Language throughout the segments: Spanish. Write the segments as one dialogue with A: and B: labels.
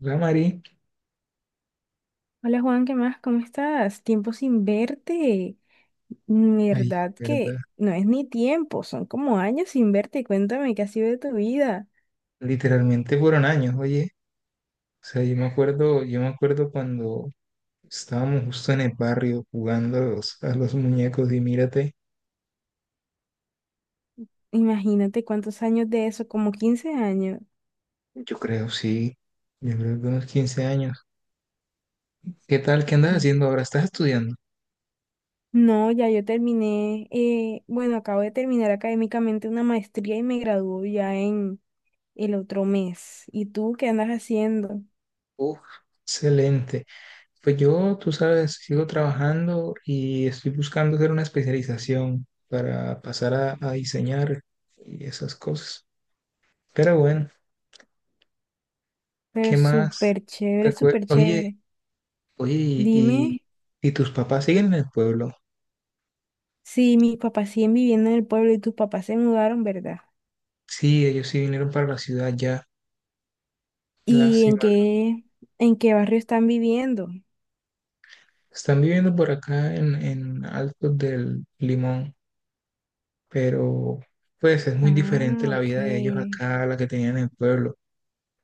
A: Real Madrid.
B: Hola Juan, ¿qué más? ¿Cómo estás? Tiempo sin verte.
A: Ay,
B: Verdad
A: ¿verdad?
B: que no es ni tiempo, son como años sin verte. Cuéntame qué ha sido de tu vida.
A: Literalmente fueron años, oye. O sea, yo me acuerdo cuando estábamos justo en el barrio jugando a los muñecos y mírate,
B: Imagínate cuántos años de eso, como 15 años.
A: yo creo, sí, yo creo que unos 15 años. ¿Qué tal? ¿Qué andas
B: Mm.
A: haciendo ahora? ¿Estás estudiando?
B: No, ya yo terminé, bueno, acabo de terminar académicamente una maestría y me graduó ya en el otro mes. ¿Y tú qué andas haciendo?
A: Uf, excelente. Pues yo, tú sabes, sigo trabajando y estoy buscando hacer una especialización para a diseñar y esas cosas. Pero bueno,
B: Pero
A: ¿qué más?
B: súper chévere,
A: Recuer-
B: súper
A: Oye,
B: chévere.
A: Oye,
B: Dime
A: ¿ ¿tus papás siguen en el pueblo?
B: si mis papás siguen viviendo en el pueblo y tus papás se mudaron, ¿verdad?
A: Sí, ellos sí vinieron para la ciudad ya.
B: ¿Y
A: Lástima.
B: en qué barrio están viviendo?
A: Están viviendo por acá en Altos del Limón, pero pues es muy diferente
B: Ah,
A: la vida de ellos
B: ok.
A: acá a la que tenían en el pueblo.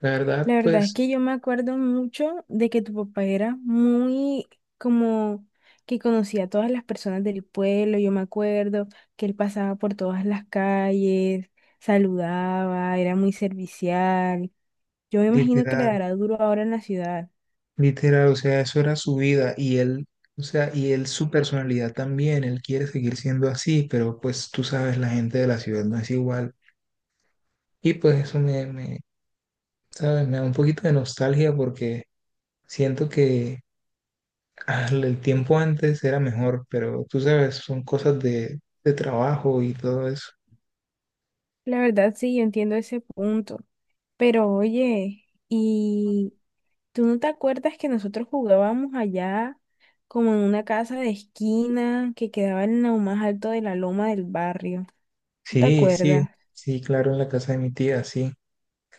A: La
B: La
A: verdad,
B: verdad es
A: pues,
B: que yo me acuerdo mucho de que tu papá era muy como que conocía a todas las personas del pueblo. Yo me acuerdo que él pasaba por todas las calles, saludaba, era muy servicial. Yo me imagino que le
A: literal,
B: dará duro ahora en la ciudad.
A: literal, o sea, eso era su vida y él, o sea, y él su personalidad también, él quiere seguir siendo así, pero pues tú sabes, la gente de la ciudad no es igual. Y pues eso. ¿Sabes? Me da un poquito de nostalgia porque siento que ah, el tiempo antes era mejor, pero tú sabes, son de trabajo y todo eso.
B: La verdad, sí, yo entiendo ese punto. Pero oye, ¿Tú no te acuerdas que nosotros jugábamos allá como en una casa de esquina que quedaba en lo más alto de la loma del barrio? ¿No te
A: Sí, sí,
B: acuerdas?
A: sí, claro, en la casa de mi tía, sí.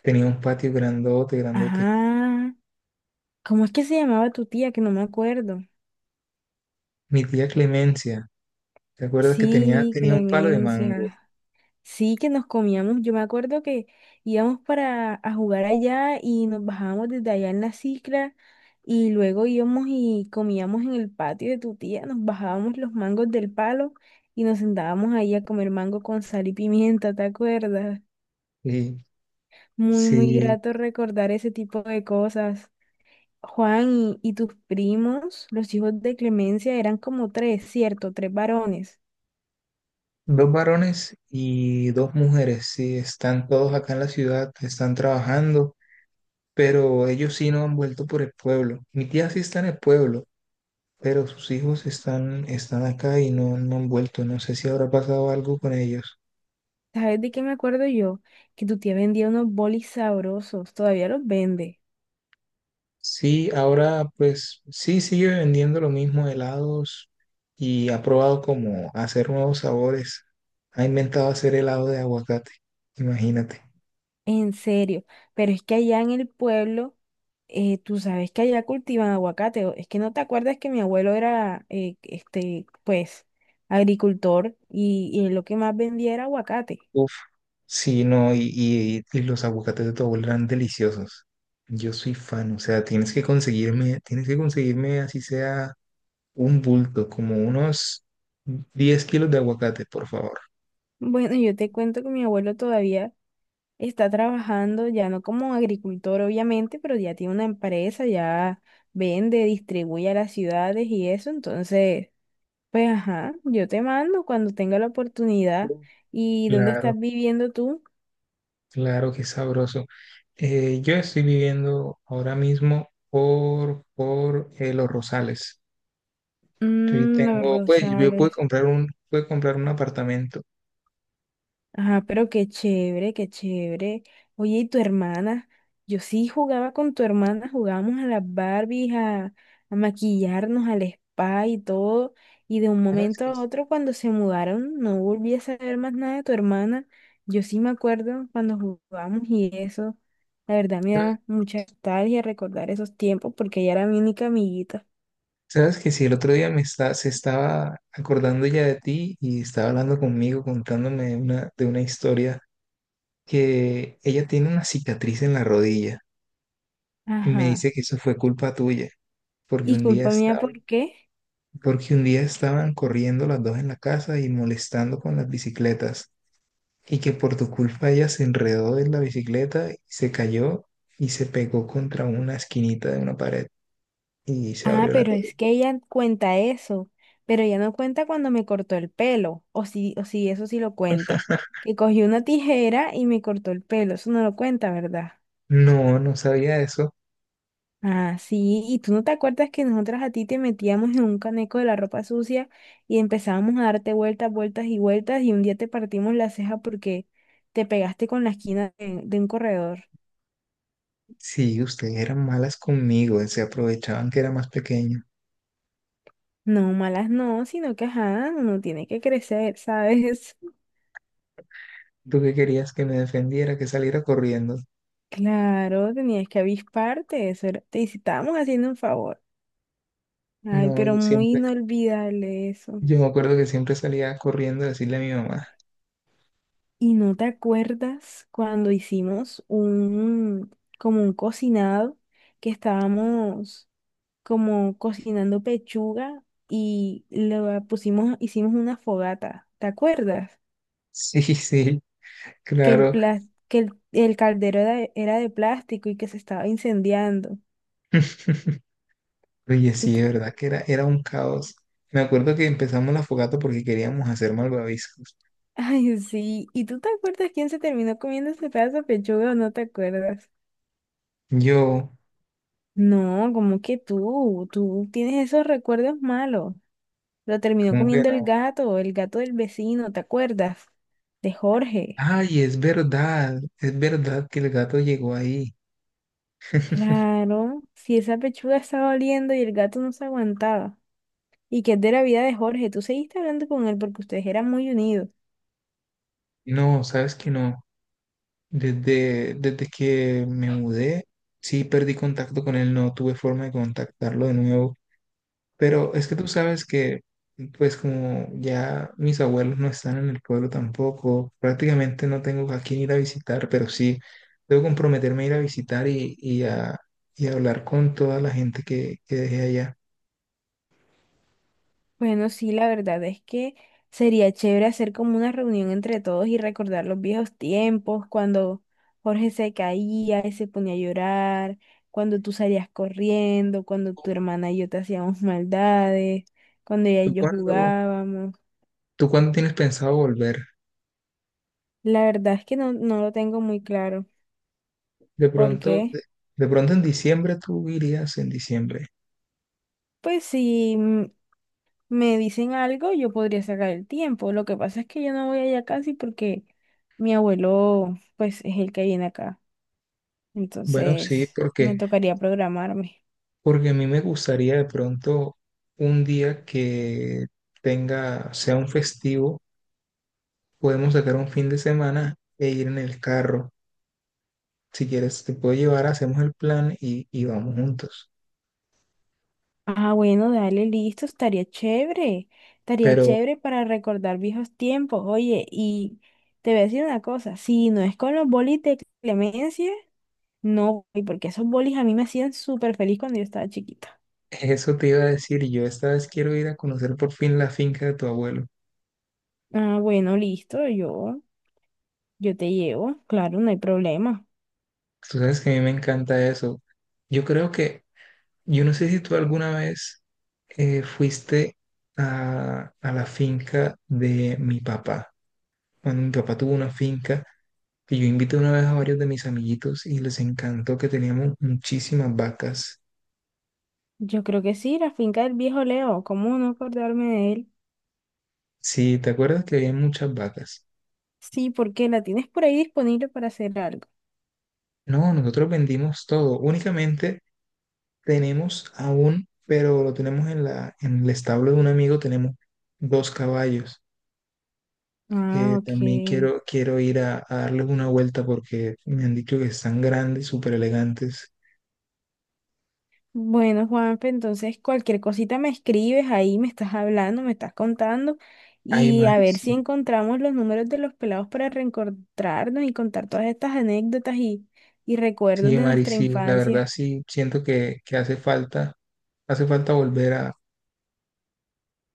A: Tenía un patio grandote, grandote.
B: Ajá. ¿Cómo es que se llamaba tu tía? Que no me acuerdo.
A: Mi tía Clemencia, ¿te acuerdas que
B: Sí,
A: tenía un palo de mango?
B: Clemencia. Sí, que nos comíamos, yo me acuerdo que íbamos para a jugar allá y nos bajábamos desde allá en la cicla y luego íbamos y comíamos en el patio de tu tía, nos bajábamos los mangos del palo y nos sentábamos ahí a comer mango con sal y pimienta, ¿te acuerdas?
A: Sí,
B: Muy, muy
A: sí,
B: grato recordar ese tipo de cosas. Juan y tus primos, los hijos de Clemencia, eran como tres, ¿cierto? Tres varones.
A: 2 varones y 2 mujeres, sí, están todos acá en la ciudad, están trabajando, pero ellos sí no han vuelto por el pueblo. Mi tía sí está en el pueblo, pero sus hijos están acá y no han vuelto. No sé si habrá pasado algo con ellos.
B: ¿Sabes de qué me acuerdo yo? Que tu tía vendía unos bolis sabrosos, todavía los vende,
A: Sí, ahora pues sí sigue vendiendo lo mismo, helados, y ha probado como hacer nuevos sabores. Ha inventado hacer helado de aguacate, imagínate.
B: en serio. Pero es que allá en el pueblo, tú sabes que allá cultivan aguacate. Es que no te acuerdas que mi abuelo era, este, pues, agricultor y él lo que más vendía era aguacate.
A: Uf, sí, no, y los aguacates de tu abuela eran deliciosos. Yo soy fan, o sea, tienes que conseguirme así sea un bulto, como unos 10 kilos de aguacate, por favor.
B: Bueno, yo te cuento que mi abuelo todavía está trabajando, ya no como agricultor, obviamente, pero ya tiene una empresa, ya vende, distribuye a las ciudades y eso, entonces... Pues ajá, yo te mando cuando tenga la oportunidad. ¿Y dónde estás
A: Claro,
B: viviendo tú?
A: claro, qué sabroso. Yo estoy viviendo ahora mismo por Los Rosales. Yo
B: Mm, los
A: tengo, pues yo
B: Rosales.
A: pude comprar un apartamento.
B: Ajá, pero qué chévere, qué chévere. Oye, ¿y tu hermana? Yo sí jugaba con tu hermana, jugábamos a las Barbies, a maquillarnos, al spa y todo. Y de un
A: ¿Sabes
B: momento
A: que
B: a
A: sí?
B: otro, cuando se mudaron, no volví a saber más nada de tu hermana. Yo sí me acuerdo cuando jugábamos y eso. La verdad me
A: ¿Sabes
B: da mucha nostalgia recordar esos tiempos porque ella era mi única amiguita.
A: sabes que sí? El otro día se estaba acordando ya de ti y estaba hablando conmigo, de una historia que ella tiene una cicatriz en la rodilla y me dice
B: Ajá.
A: que eso fue culpa tuya, porque
B: Y
A: un día
B: culpa mía,
A: estaba
B: ¿por qué?
A: porque un día estaban corriendo las dos en la casa y molestando con las bicicletas, y que por tu culpa ella se enredó en la bicicleta y se cayó y se pegó contra una esquinita de una pared y se
B: Ah,
A: abrió la
B: pero es
A: rodilla.
B: que ella cuenta eso, pero ella no cuenta cuando me cortó el pelo, o sí, eso sí lo cuenta. Que cogió una tijera y me cortó el pelo, eso no lo cuenta, ¿verdad?
A: No, no sabía eso.
B: Ah, sí, y tú no te acuerdas que nosotras a ti te metíamos en un caneco de la ropa sucia y empezábamos a darte vueltas, vueltas y vueltas y un día te partimos la ceja porque te pegaste con la esquina de un corredor.
A: Sí, ustedes eran malas conmigo, se aprovechaban que era más pequeño.
B: No, malas no, sino que ajá, uno tiene que crecer, ¿sabes?
A: ¿Tú qué querías que me defendiera, que saliera corriendo?
B: Claro, tenías que avisparte, eso era- te estábamos haciendo un favor. Ay,
A: No,
B: pero muy inolvidable eso.
A: yo me acuerdo que siempre salía corriendo a decirle a mi mamá.
B: ¿Y no te acuerdas cuando hicimos un, como un cocinado, que estábamos como cocinando pechuga y lo pusimos, hicimos una fogata? ¿Te acuerdas?
A: Sí, sí,
B: Que
A: claro.
B: que el caldero era de plástico y que se estaba incendiando.
A: Oye, sí, de verdad que era un caos. Me acuerdo que empezamos la fogata porque queríamos hacer malvaviscos.
B: Ay, sí. ¿Y tú te acuerdas quién se terminó comiendo ese pedazo de pechuga o no te acuerdas?
A: Yo,
B: No, como que tú tienes esos recuerdos malos. Lo terminó
A: ¿cómo que
B: comiendo
A: no?
B: el gato del vecino, ¿te acuerdas? De Jorge.
A: Ay, es verdad que el gato llegó ahí.
B: Claro, si esa pechuga estaba oliendo y el gato no se aguantaba. ¿Y que es de la vida de Jorge? Tú seguiste hablando con él porque ustedes eran muy unidos.
A: No, sabes que no. Desde que me mudé, sí perdí contacto con él, no tuve forma de contactarlo de nuevo. Pero es que tú sabes que, pues como ya mis abuelos no están en el pueblo tampoco, prácticamente no tengo a quién ir a visitar, pero sí debo comprometerme a ir a visitar y a hablar con toda la gente que dejé allá.
B: Bueno, sí, la verdad es que sería chévere hacer como una reunión entre todos y recordar los viejos tiempos, cuando Jorge se caía y se ponía a llorar, cuando tú salías corriendo, cuando tu hermana y yo te hacíamos maldades, cuando ella
A: ¿Tú
B: y yo
A: cuándo,
B: jugábamos.
A: tú cuándo tienes pensado volver?
B: La verdad es que no, no lo tengo muy claro,
A: De pronto, de,
B: porque
A: de pronto en diciembre tú irías en diciembre.
B: pues si me dicen algo, yo podría sacar el tiempo. Lo que pasa es que yo no voy allá casi porque mi abuelo pues es el que viene acá.
A: Bueno, sí,
B: Entonces, me tocaría programarme.
A: porque a mí me gustaría de pronto un día que tenga, sea un festivo, podemos sacar un fin de semana e ir en el carro. Si quieres, te puedo llevar, hacemos el plan y vamos juntos.
B: Ah, bueno, dale, listo, estaría chévere. Estaría
A: Pero
B: chévere para recordar viejos tiempos. Oye, y te voy a decir una cosa, si no es con los bolis de Clemencia, no voy, porque esos bolis a mí me hacían súper feliz cuando yo estaba chiquita.
A: eso te iba a decir, yo esta vez quiero ir a conocer por fin la finca de tu abuelo.
B: Ah, bueno, listo, yo te llevo, claro, no hay problema.
A: Tú sabes que a mí me encanta eso. Yo creo que, yo no sé si tú alguna vez fuiste a la finca de mi papá. Cuando mi papá tuvo una finca, que yo invité una vez a varios de mis amiguitos y les encantó que teníamos muchísimas vacas.
B: Yo creo que sí, la finca del viejo Leo, ¿cómo no acordarme de él?
A: Sí, ¿te acuerdas que había muchas vacas?
B: Sí, porque la tienes por ahí disponible para hacer algo.
A: No, nosotros vendimos todo. Únicamente tenemos aún, pero lo tenemos en en el establo de un amigo, tenemos 2 caballos
B: Ah,
A: que
B: ok.
A: también quiero ir a darles una vuelta porque me han dicho que están grandes, súper elegantes.
B: Bueno, Juanfe, entonces cualquier cosita me escribes ahí, me estás hablando, me estás contando
A: Ay,
B: y a
A: Mari,
B: ver si
A: sí.
B: encontramos los números de los pelados para reencontrarnos y contar todas estas anécdotas y recuerdos
A: Sí,
B: de
A: Mari,
B: nuestra
A: sí. La verdad
B: infancia.
A: sí, siento que hace falta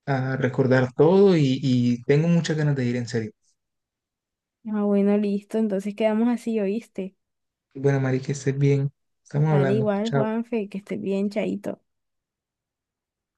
A: a recordar todo y tengo muchas ganas de ir, en serio.
B: Ah, bueno, listo, entonces quedamos así, ¿oíste?
A: Bueno, Mari, que estés bien. Estamos
B: Dale
A: hablando.
B: igual,
A: Chao.
B: Juanfe, que estés bien, chaito.